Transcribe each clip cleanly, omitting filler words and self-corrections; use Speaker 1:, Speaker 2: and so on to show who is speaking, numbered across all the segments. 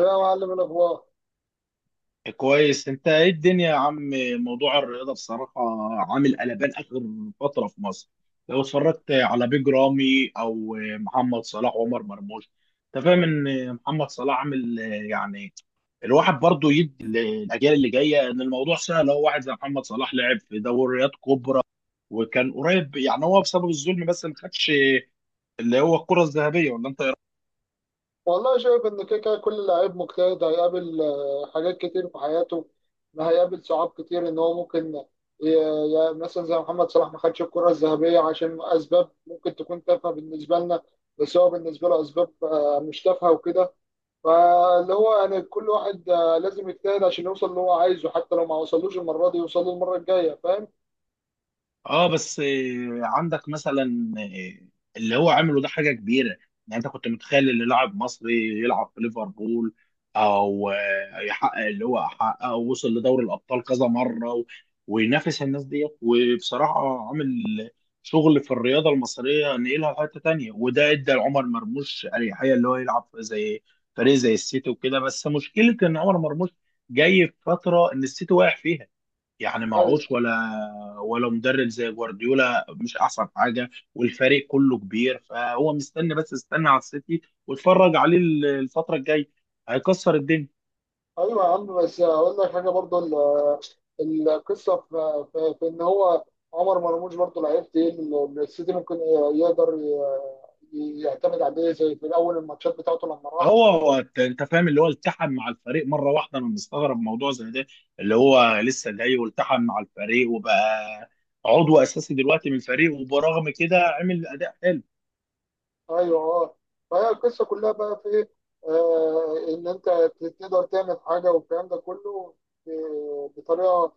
Speaker 1: إيه يا معلم الاخبار.
Speaker 2: كويس، انت ايه الدنيا يا عم؟ موضوع الرياضه بصراحه عامل قلبان اخر فتره في مصر. لو اتفرجت على بيج رامي او محمد صلاح وعمر مرموش، انت فاهم ان محمد صلاح عامل، يعني الواحد برضو يدي الاجيال اللي جايه ان الموضوع سهل. هو واحد زي محمد صلاح لعب في دوريات كبرى، وكان قريب، يعني هو بسبب الظلم بس ما خدش اللي هو الكره الذهبيه، ولا انت؟
Speaker 1: والله شايف ان كده كده كل لعيب مجتهد هيقابل حاجات كتير في حياته. هيقابل صعاب كتير ان هو ممكن مثلا زي محمد صلاح ما خدش الكرة الذهبية عشان اسباب ممكن تكون تافهة بالنسبة لنا، بس هو بالنسبة له اسباب مش تافهة وكده. فاللي هو يعني كل واحد لازم يجتهد عشان يوصل اللي هو عايزه، حتى لو ما وصلوش المرة دي يوصل له المرة الجاية، فاهم؟
Speaker 2: اه بس عندك مثلا اللي هو عمله ده حاجه كبيره، يعني انت كنت متخيل ان لاعب مصري يلعب في ليفربول او يحقق اللي هو حققه ووصل لدوري الابطال كذا مره وينافس الناس ديت، وبصراحه عامل شغل في الرياضه المصريه نقلها لحته تانيه، وده ادى لعمر مرموش اريحيه اللي هو يلعب في زي فريق زي السيتي وكده. بس مشكله ان عمر مرموش جاي في فتره ان السيتي واقع فيها، يعني
Speaker 1: ايوه.
Speaker 2: معهوش، ولا ولا مدرب زي جوارديولا مش احسن حاجه، والفريق كله كبير. فهو مستني، بس استنى على السيتي واتفرج عليه الفتره الجايه، هيكسر الدنيا.
Speaker 1: ايوه يا عم، بس اقول لك حاجة برضه. القصه في ان هو عمر مرموش برضه لعيب تقيل، السيتي ممكن يقدر يعتمد عليه زي في الاول الماتشات بتاعته لما راح.
Speaker 2: هو هو انت أنت فاهم اللي هو التحم مع الفريق مره واحده، انا مستغرب موضوع زي ده، اللي هو لسه جاي والتحم مع الفريق وبقى عضو اساسي دلوقتي من الفريق، وبرغم كده عمل اداء حلو.
Speaker 1: ايوه اه. فهي القصه كلها بقى في إيه؟ آه، ان انت تقدر تعمل حاجه والكلام ده كله بطريقه،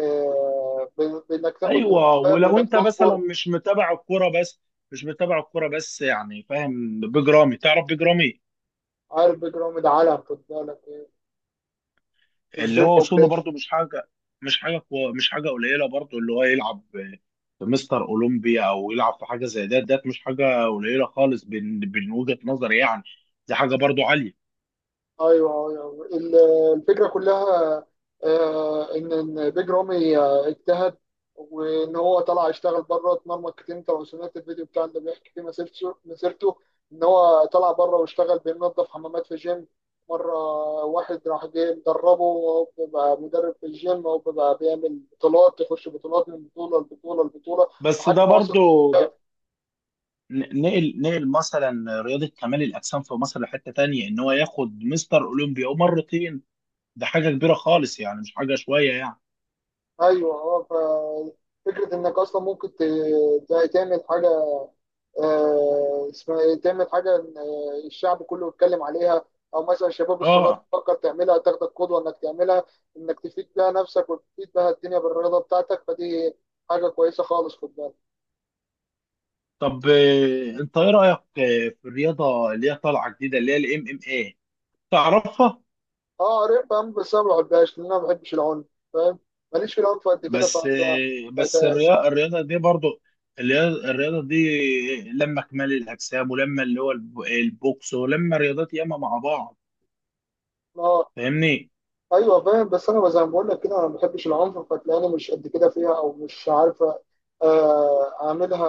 Speaker 1: بانك تاخد
Speaker 2: ايوه،
Speaker 1: بالاسباب
Speaker 2: ولو
Speaker 1: وانك
Speaker 2: انت مثلا
Speaker 1: تصبر.
Speaker 2: مش متابع الكوره، بس يعني فاهم بيج رامي، تعرف بيج رامي؟
Speaker 1: عارف بيجرام العالم، خد بالك إيه؟ في
Speaker 2: اللي
Speaker 1: الجيم.
Speaker 2: هو وصوله برضو مش حاجه، مش حاجه قليله برضو، اللي هو يلعب في مستر اولمبيا، او يلعب في حاجه زي ده. ده مش حاجه قليله خالص، بين بين وجهه نظري يعني، دي حاجه برضو عاليه.
Speaker 1: ايوه ايوه. الفكره كلها ان إن بيج رامي اجتهد، وان هو طلع يشتغل بره اتمرمط كتير. انت لو سمعت الفيديو بتاع اللي بيحكي فيه مسيرته مسيرته. ان هو طلع بره واشتغل بينظف حمامات في جيم مره، واحد راح جاي مدربه، وهو بقى مدرب في الجيم، وهو بقى بيعمل بطولات، يخش بطولات من بطوله لبطوله لبطوله
Speaker 2: بس
Speaker 1: لحد
Speaker 2: ده
Speaker 1: ما وصل.
Speaker 2: برضو ده نقل مثلا رياضه كمال الاجسام في مصر لحته تانية، ان هو ياخد مستر اولمبيا ومرتين، ده حاجه كبيره خالص، يعني مش حاجه شويه يعني.
Speaker 1: ايوه اه. ففكره انك اصلا ممكن تعمل حاجه اسمها ايه، تعمل حاجه إن، آه، الشعب كله يتكلم عليها، او مثلا الشباب الصغير
Speaker 2: اه.
Speaker 1: تفكر تعملها، تاخدك قدوه انك تعملها، انك تفيد بيها نفسك وتفيد بيها الدنيا بالرياضه بتاعتك، فدي حاجه كويسه خالص، خد بالك.
Speaker 2: طب انت ايه رايك في الرياضه اللي هي طالعه جديده، اللي هي الام ام اي، تعرفها؟
Speaker 1: اه قريب فاهم، بس انا ما بحبهاش لان انا ما بحبش العنف، فاهم. ماليش في العنف قد كده
Speaker 2: بس بس
Speaker 1: فت-
Speaker 2: الرياضه دي برضو، الرياضه دي، لما كمال الاجسام، ولما اللي هو البوكس، ولما رياضات ياما مع بعض،
Speaker 1: اه.
Speaker 2: فاهمني؟
Speaker 1: ايوه فاهم، بس انا زي ما بقول لك كده انا ما بحبش العنف، فتلاقيني مش قد كده فيها او مش عارف اعملها،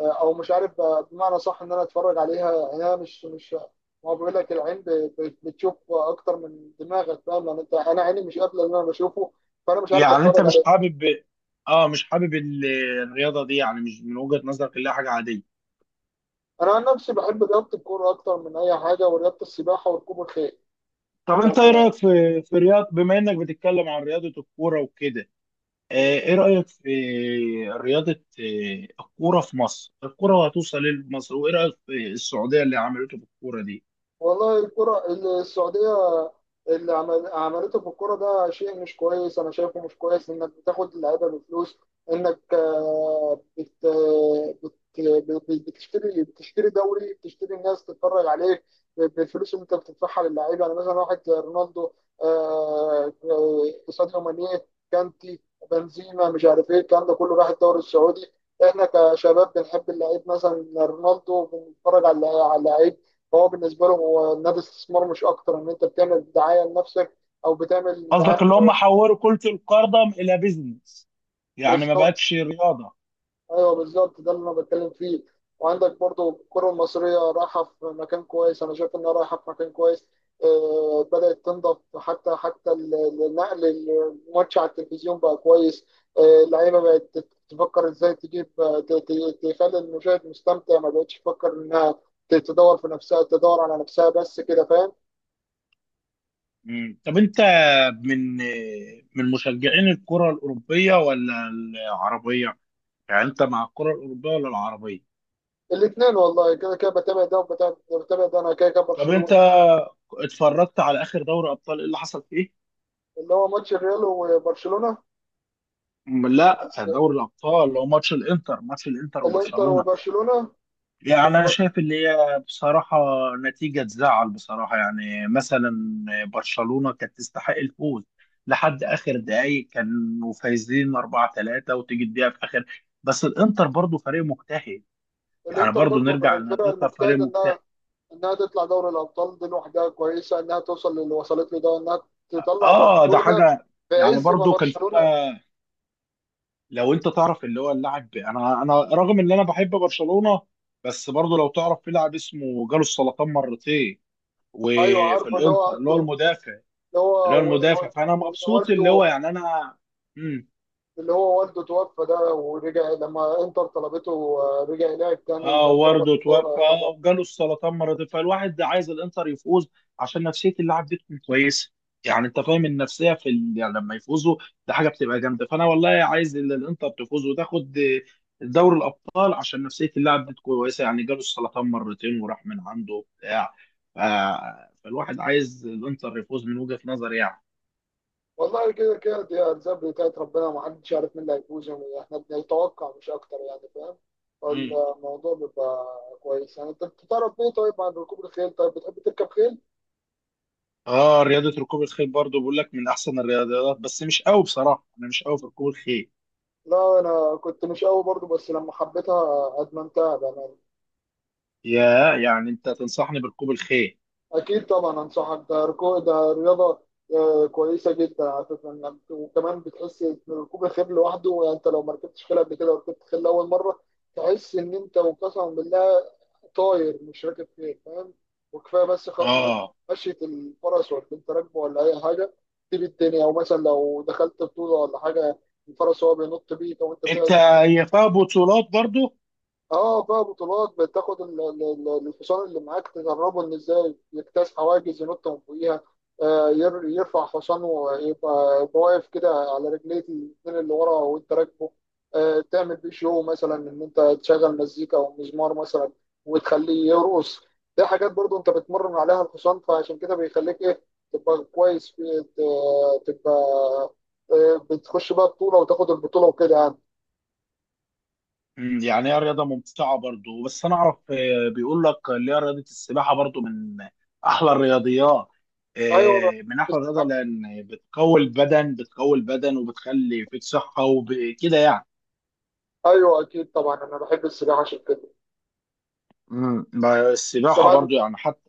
Speaker 1: او مش عارف بمعنى صح ان انا اتفرج عليها. يعني انا مش ما هو بيقول لك العين بتشوف اكتر من دماغك، فاهم يعني، انا عيني مش قابله اللي انا بشوفه، فانا مش عارف
Speaker 2: يعني انت
Speaker 1: اتفرج
Speaker 2: مش
Speaker 1: عليه.
Speaker 2: حابب؟ اه مش حابب الرياضه دي، يعني مش من وجهه نظرك اللي هي حاجه عاديه.
Speaker 1: انا عن نفسي بحب رياضه الكوره اكتر من اي حاجه، ورياضه السباحه وركوب الخيل.
Speaker 2: طب انت ايه
Speaker 1: يعني
Speaker 2: رايك في في رياض، بما انك بتتكلم عن رياضه الكوره وكده، ايه رايك في رياضه الكوره في مصر؟ الكوره هتوصل لمصر، وايه رايك في السعوديه اللي عملته في الكوره دي؟
Speaker 1: والله الكرة السعودية اللي عمل عملته في الكرة ده شيء مش كويس. أنا شايفه مش كويس إنك بتاخد اللعيبة بفلوس، إنك بتشتري دوري، بتشتري الناس تتفرج عليك بالفلوس اللي أنت بتدفعها للعيبة. يعني مثلا واحد زي رونالدو، ساديو ماني، كانتي، بنزيما، مش عارف إيه الكلام ده كله، راح الدوري السعودي. إحنا كشباب بنحب اللعيب، مثلا رونالدو بنتفرج على اللعيب، فهو بالنسبه له هو النادي استثمار مش اكتر، ان انت بتعمل دعايه لنفسك او بتعمل
Speaker 2: قصدك
Speaker 1: دعايه.
Speaker 2: اللي هم حولوا كرة القدم إلى بيزنس، يعني ما
Speaker 1: بالظبط.
Speaker 2: بقتش رياضة؟
Speaker 1: ايوه بالظبط ده اللي انا بتكلم فيه. وعندك برضو الكره المصريه رايحه في مكان كويس، انا شايف انها رايحه في مكان كويس، بدات تنضف، حتى النقل، الماتش على التلفزيون بقى كويس، اللعيبه بقت تفكر ازاي تجيب تخلي المشاهد مستمتع، ما بقتش تفكر انها تدور في نفسها تدور على نفسها بس، كده فاهم.
Speaker 2: مم. طب أنت من من مشجعين الكرة الأوروبية ولا العربية؟ يعني أنت مع الكرة الأوروبية ولا العربية؟
Speaker 1: الاثنين، والله كده كده بتابع ده وبتابع، بتابع ده. انا كده كده
Speaker 2: طب
Speaker 1: برشلونه.
Speaker 2: أنت اتفرجت على آخر دوري أبطال، إيه اللي حصل فيه؟
Speaker 1: اللي هو ماتش الريال وبرشلونه.
Speaker 2: لا، دوري الأبطال اللي هو ماتش الإنتر، ماتش الإنتر
Speaker 1: الانتر
Speaker 2: وبرشلونة،
Speaker 1: وبرشلونه.
Speaker 2: يعني أنا
Speaker 1: البرش-
Speaker 2: شايف اللي هي بصراحة نتيجة تزعل بصراحة. يعني مثلا برشلونة كانت تستحق الفوز لحد آخر دقايق، كانوا فايزين 4-3، وتيجي الدقيقة في آخر. بس الإنتر برضو فريق مجتهد، يعني
Speaker 1: الانتر
Speaker 2: برضو
Speaker 1: برضه من
Speaker 2: نرجع إن
Speaker 1: الفرق
Speaker 2: الإنتر فريق
Speaker 1: المجتهده،
Speaker 2: مجتهد.
Speaker 1: انها انها تطلع دوري الابطال دي لوحدها كويسه، انها توصل للي وصلت له ده، انها تطلع
Speaker 2: آه ده
Speaker 1: برشلونه
Speaker 2: حاجة،
Speaker 1: في
Speaker 2: يعني
Speaker 1: عز ما
Speaker 2: برضو كان
Speaker 1: برشلونه.
Speaker 2: فيها، لو أنت تعرف اللي هو اللاعب. أنا رغم إن أنا بحب برشلونة، بس برضو لو تعرف في لاعب اسمه جاله السرطان مرتين،
Speaker 1: ايوه
Speaker 2: وفي
Speaker 1: عارفه اللي هو
Speaker 2: الانتر اللي هو
Speaker 1: عنده،
Speaker 2: المدافع،
Speaker 1: اللي
Speaker 2: اللي هو
Speaker 1: هو
Speaker 2: المدافع،
Speaker 1: و-
Speaker 2: فانا
Speaker 1: وإن
Speaker 2: مبسوط اللي هو
Speaker 1: والده،
Speaker 2: يعني انا. امم.
Speaker 1: اللي هو والده توفى ده، ورجع لما انتر طلبته رجع لعب تاني
Speaker 2: اه،
Speaker 1: وجاب لهم
Speaker 2: وارده
Speaker 1: الكوره.
Speaker 2: توفى وجاله السرطان مرتين، فالواحد ده عايز الانتر يفوز عشان نفسيه اللاعب دي تكون كويسه. يعني انت فاهم النفسيه في يعني لما يفوزوا، ده حاجه بتبقى جامده، فانا والله عايز الانتر تفوز وتاخد دوري الابطال عشان نفسيه اللاعب دي تكون كويسه، يعني جاله السرطان مرتين وراح من عنده وبتاع، ف... فالواحد عايز الانتر يفوز من وجهه نظري.
Speaker 1: والله كده كده دي أرزاق بتاعت ربنا، ما حدش يعرف مين اللي هيفوز، يعني احنا بنتوقع مش أكتر، يعني فاهم.
Speaker 2: يعني
Speaker 1: فالموضوع بيبقى كويس. يعني أنت بتتعرف إيه، طيب، عن ركوب الخيل، طيب بتحب تركب خيل؟
Speaker 2: اه، رياضة ركوب الخيل برضو بقول لك من احسن الرياضيات، بس مش قوي بصراحة، انا مش قوي في ركوب الخيل.
Speaker 1: لا أنا كنت مش قوي برضو بس لما حبيتها أدمنتها بأمانة.
Speaker 2: يا يعني انت تنصحني بركوب الخيل؟
Speaker 1: أكيد طبعا أنصحك، ده ركوب ده رياضة كويسة جدا على فكرة. وكمان بتحس إن ركوب الخيل لوحده، يعني أنت لو ما ركبتش خيل قبل كده وركبت خيل أول مرة تحس إن أنت، وقسما بالله، طاير مش راكب، فين فاهم. وكفايه بس خط مش-
Speaker 2: اه،
Speaker 1: مشية الفرس، ولا انت راكبه ولا اي حاجه تسيب الدنيا، او مثلا لو دخلت بطوله ولا حاجه الفرس هو بينط بيك او انت.
Speaker 2: انت هي فيها بطولات برضو؟
Speaker 1: اه بقى بطولات، بتاخد الحصان اللي معاك تدربه ان ازاي يجتاز حواجز، ينط من فوقيها، يرفع حصانه ويبقى واقف كده على رجليه الاتنين اللي ورا وانت راكبه، تعمل بيه شو مثلا ان انت تشغل مزيكا او مزمار مثلا وتخليه يرقص. دي حاجات برضو انت بتمرن عليها الحصان، فعشان كده بيخليك ايه، تبقى كويس في تبقى بتخش بقى بطولة وتاخد البطولة وكده، يعني.
Speaker 2: يعني هي رياضة ممتعة برضو، بس انا اعرف بيقول لك اللي هي رياضة السباحة برضو من احلى الرياضيات،
Speaker 1: ايوه
Speaker 2: من احلى الرياضة لان بتقوي البدن، بتقوي البدن وبتخلي فيك صحة وكده يعني.
Speaker 1: ايوه اكيد طبعا انا بحب السباحه عشان كده
Speaker 2: مم. ما السباحة
Speaker 1: كمان.
Speaker 2: برضو يعني، حتى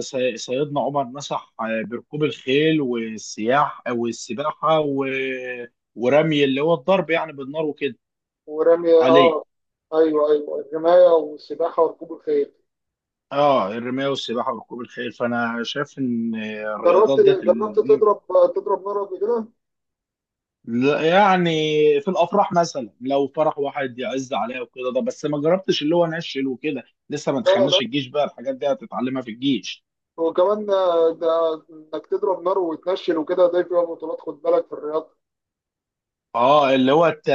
Speaker 2: سيدنا عمر مسح بركوب الخيل والسياح والسباحة ورمي، اللي هو الضرب يعني بالنار وكده،
Speaker 1: ورمي
Speaker 2: عليه.
Speaker 1: اه. ايوه ايوه، الرمايه والسباحه وركوب الخيل.
Speaker 2: اه، الرماية والسباحة وركوب الخيل، فأنا شايف إن
Speaker 1: جربت
Speaker 2: الرياضات ديت
Speaker 1: تضرب، تضرب نار قبل كده؟
Speaker 2: لا، يعني في الأفراح مثلا، لو فرح واحد يعز عليها وكده ده، بس ما جربتش اللي هو نشل وكده. لسه ما
Speaker 1: لا لا.
Speaker 2: دخلناش الجيش، بقى الحاجات دي هتتعلمها في الجيش.
Speaker 1: وكمان ده انك تضرب نار وتنشل وكده ده فيها بطولات، خد بالك، في الرياضه.
Speaker 2: اه، اللي هو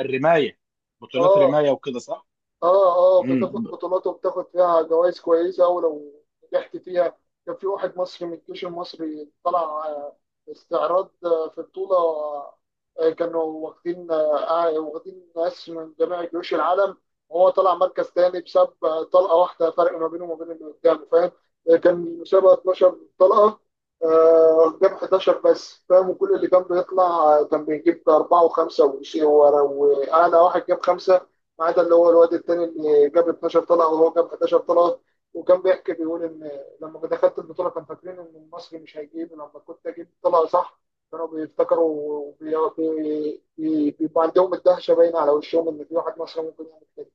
Speaker 2: الرماية، بطولات
Speaker 1: اه.
Speaker 2: رماية وكده صح؟
Speaker 1: اه اه
Speaker 2: امم.
Speaker 1: بتاخد بطولات وبتاخد فيها جوائز كويسه ولو نجحت فيها. كان في واحد مصري من الجيش المصري طلع استعراض في بطوله، كانوا واخدين واخدين ناس من جميع جيوش العالم، وهو طلع مركز تاني بسبب طلقه واحده فرق ما بينه وما بين اللي قدامه، فاهم. كان المسابقه 12 طلقه قدام 11 بس، فاهم، وكل اللي كان بيطلع كان بيجيب اربعه وخمسه واعلى واحد جاب خمسه، ما عدا اللي هو الواد التاني اللي جاب 12 طلعه وهو جاب 11 طلعه. وكان بيحكي بيقول ان لما دخلت البطوله كان فاكرين ان المصري مش هيجيب، لما كنت اجيب طلعه صح كانوا بيفتكروا، وبي- بيبقى عندهم الدهشه باينه على وشهم ان في واحد مصري ممكن يعمل كده.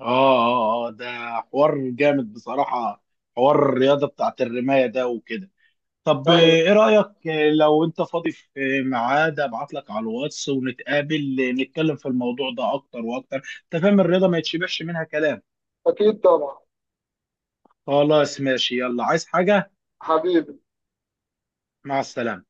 Speaker 2: اه اه اه ده حوار جامد بصراحة، حوار الرياضة بتاعت الرماية ده وكده. طب
Speaker 1: ايوه
Speaker 2: ايه رأيك لو انت فاضي في ميعاد ابعت لك على الواتس ونتقابل نتكلم في الموضوع ده اكتر واكتر. انت فاهم الرياضة ما يتشبعش منها كلام.
Speaker 1: اكيد طبعا.
Speaker 2: خلاص ماشي، يلا، عايز حاجة؟
Speaker 1: حبيبي.
Speaker 2: مع السلامة.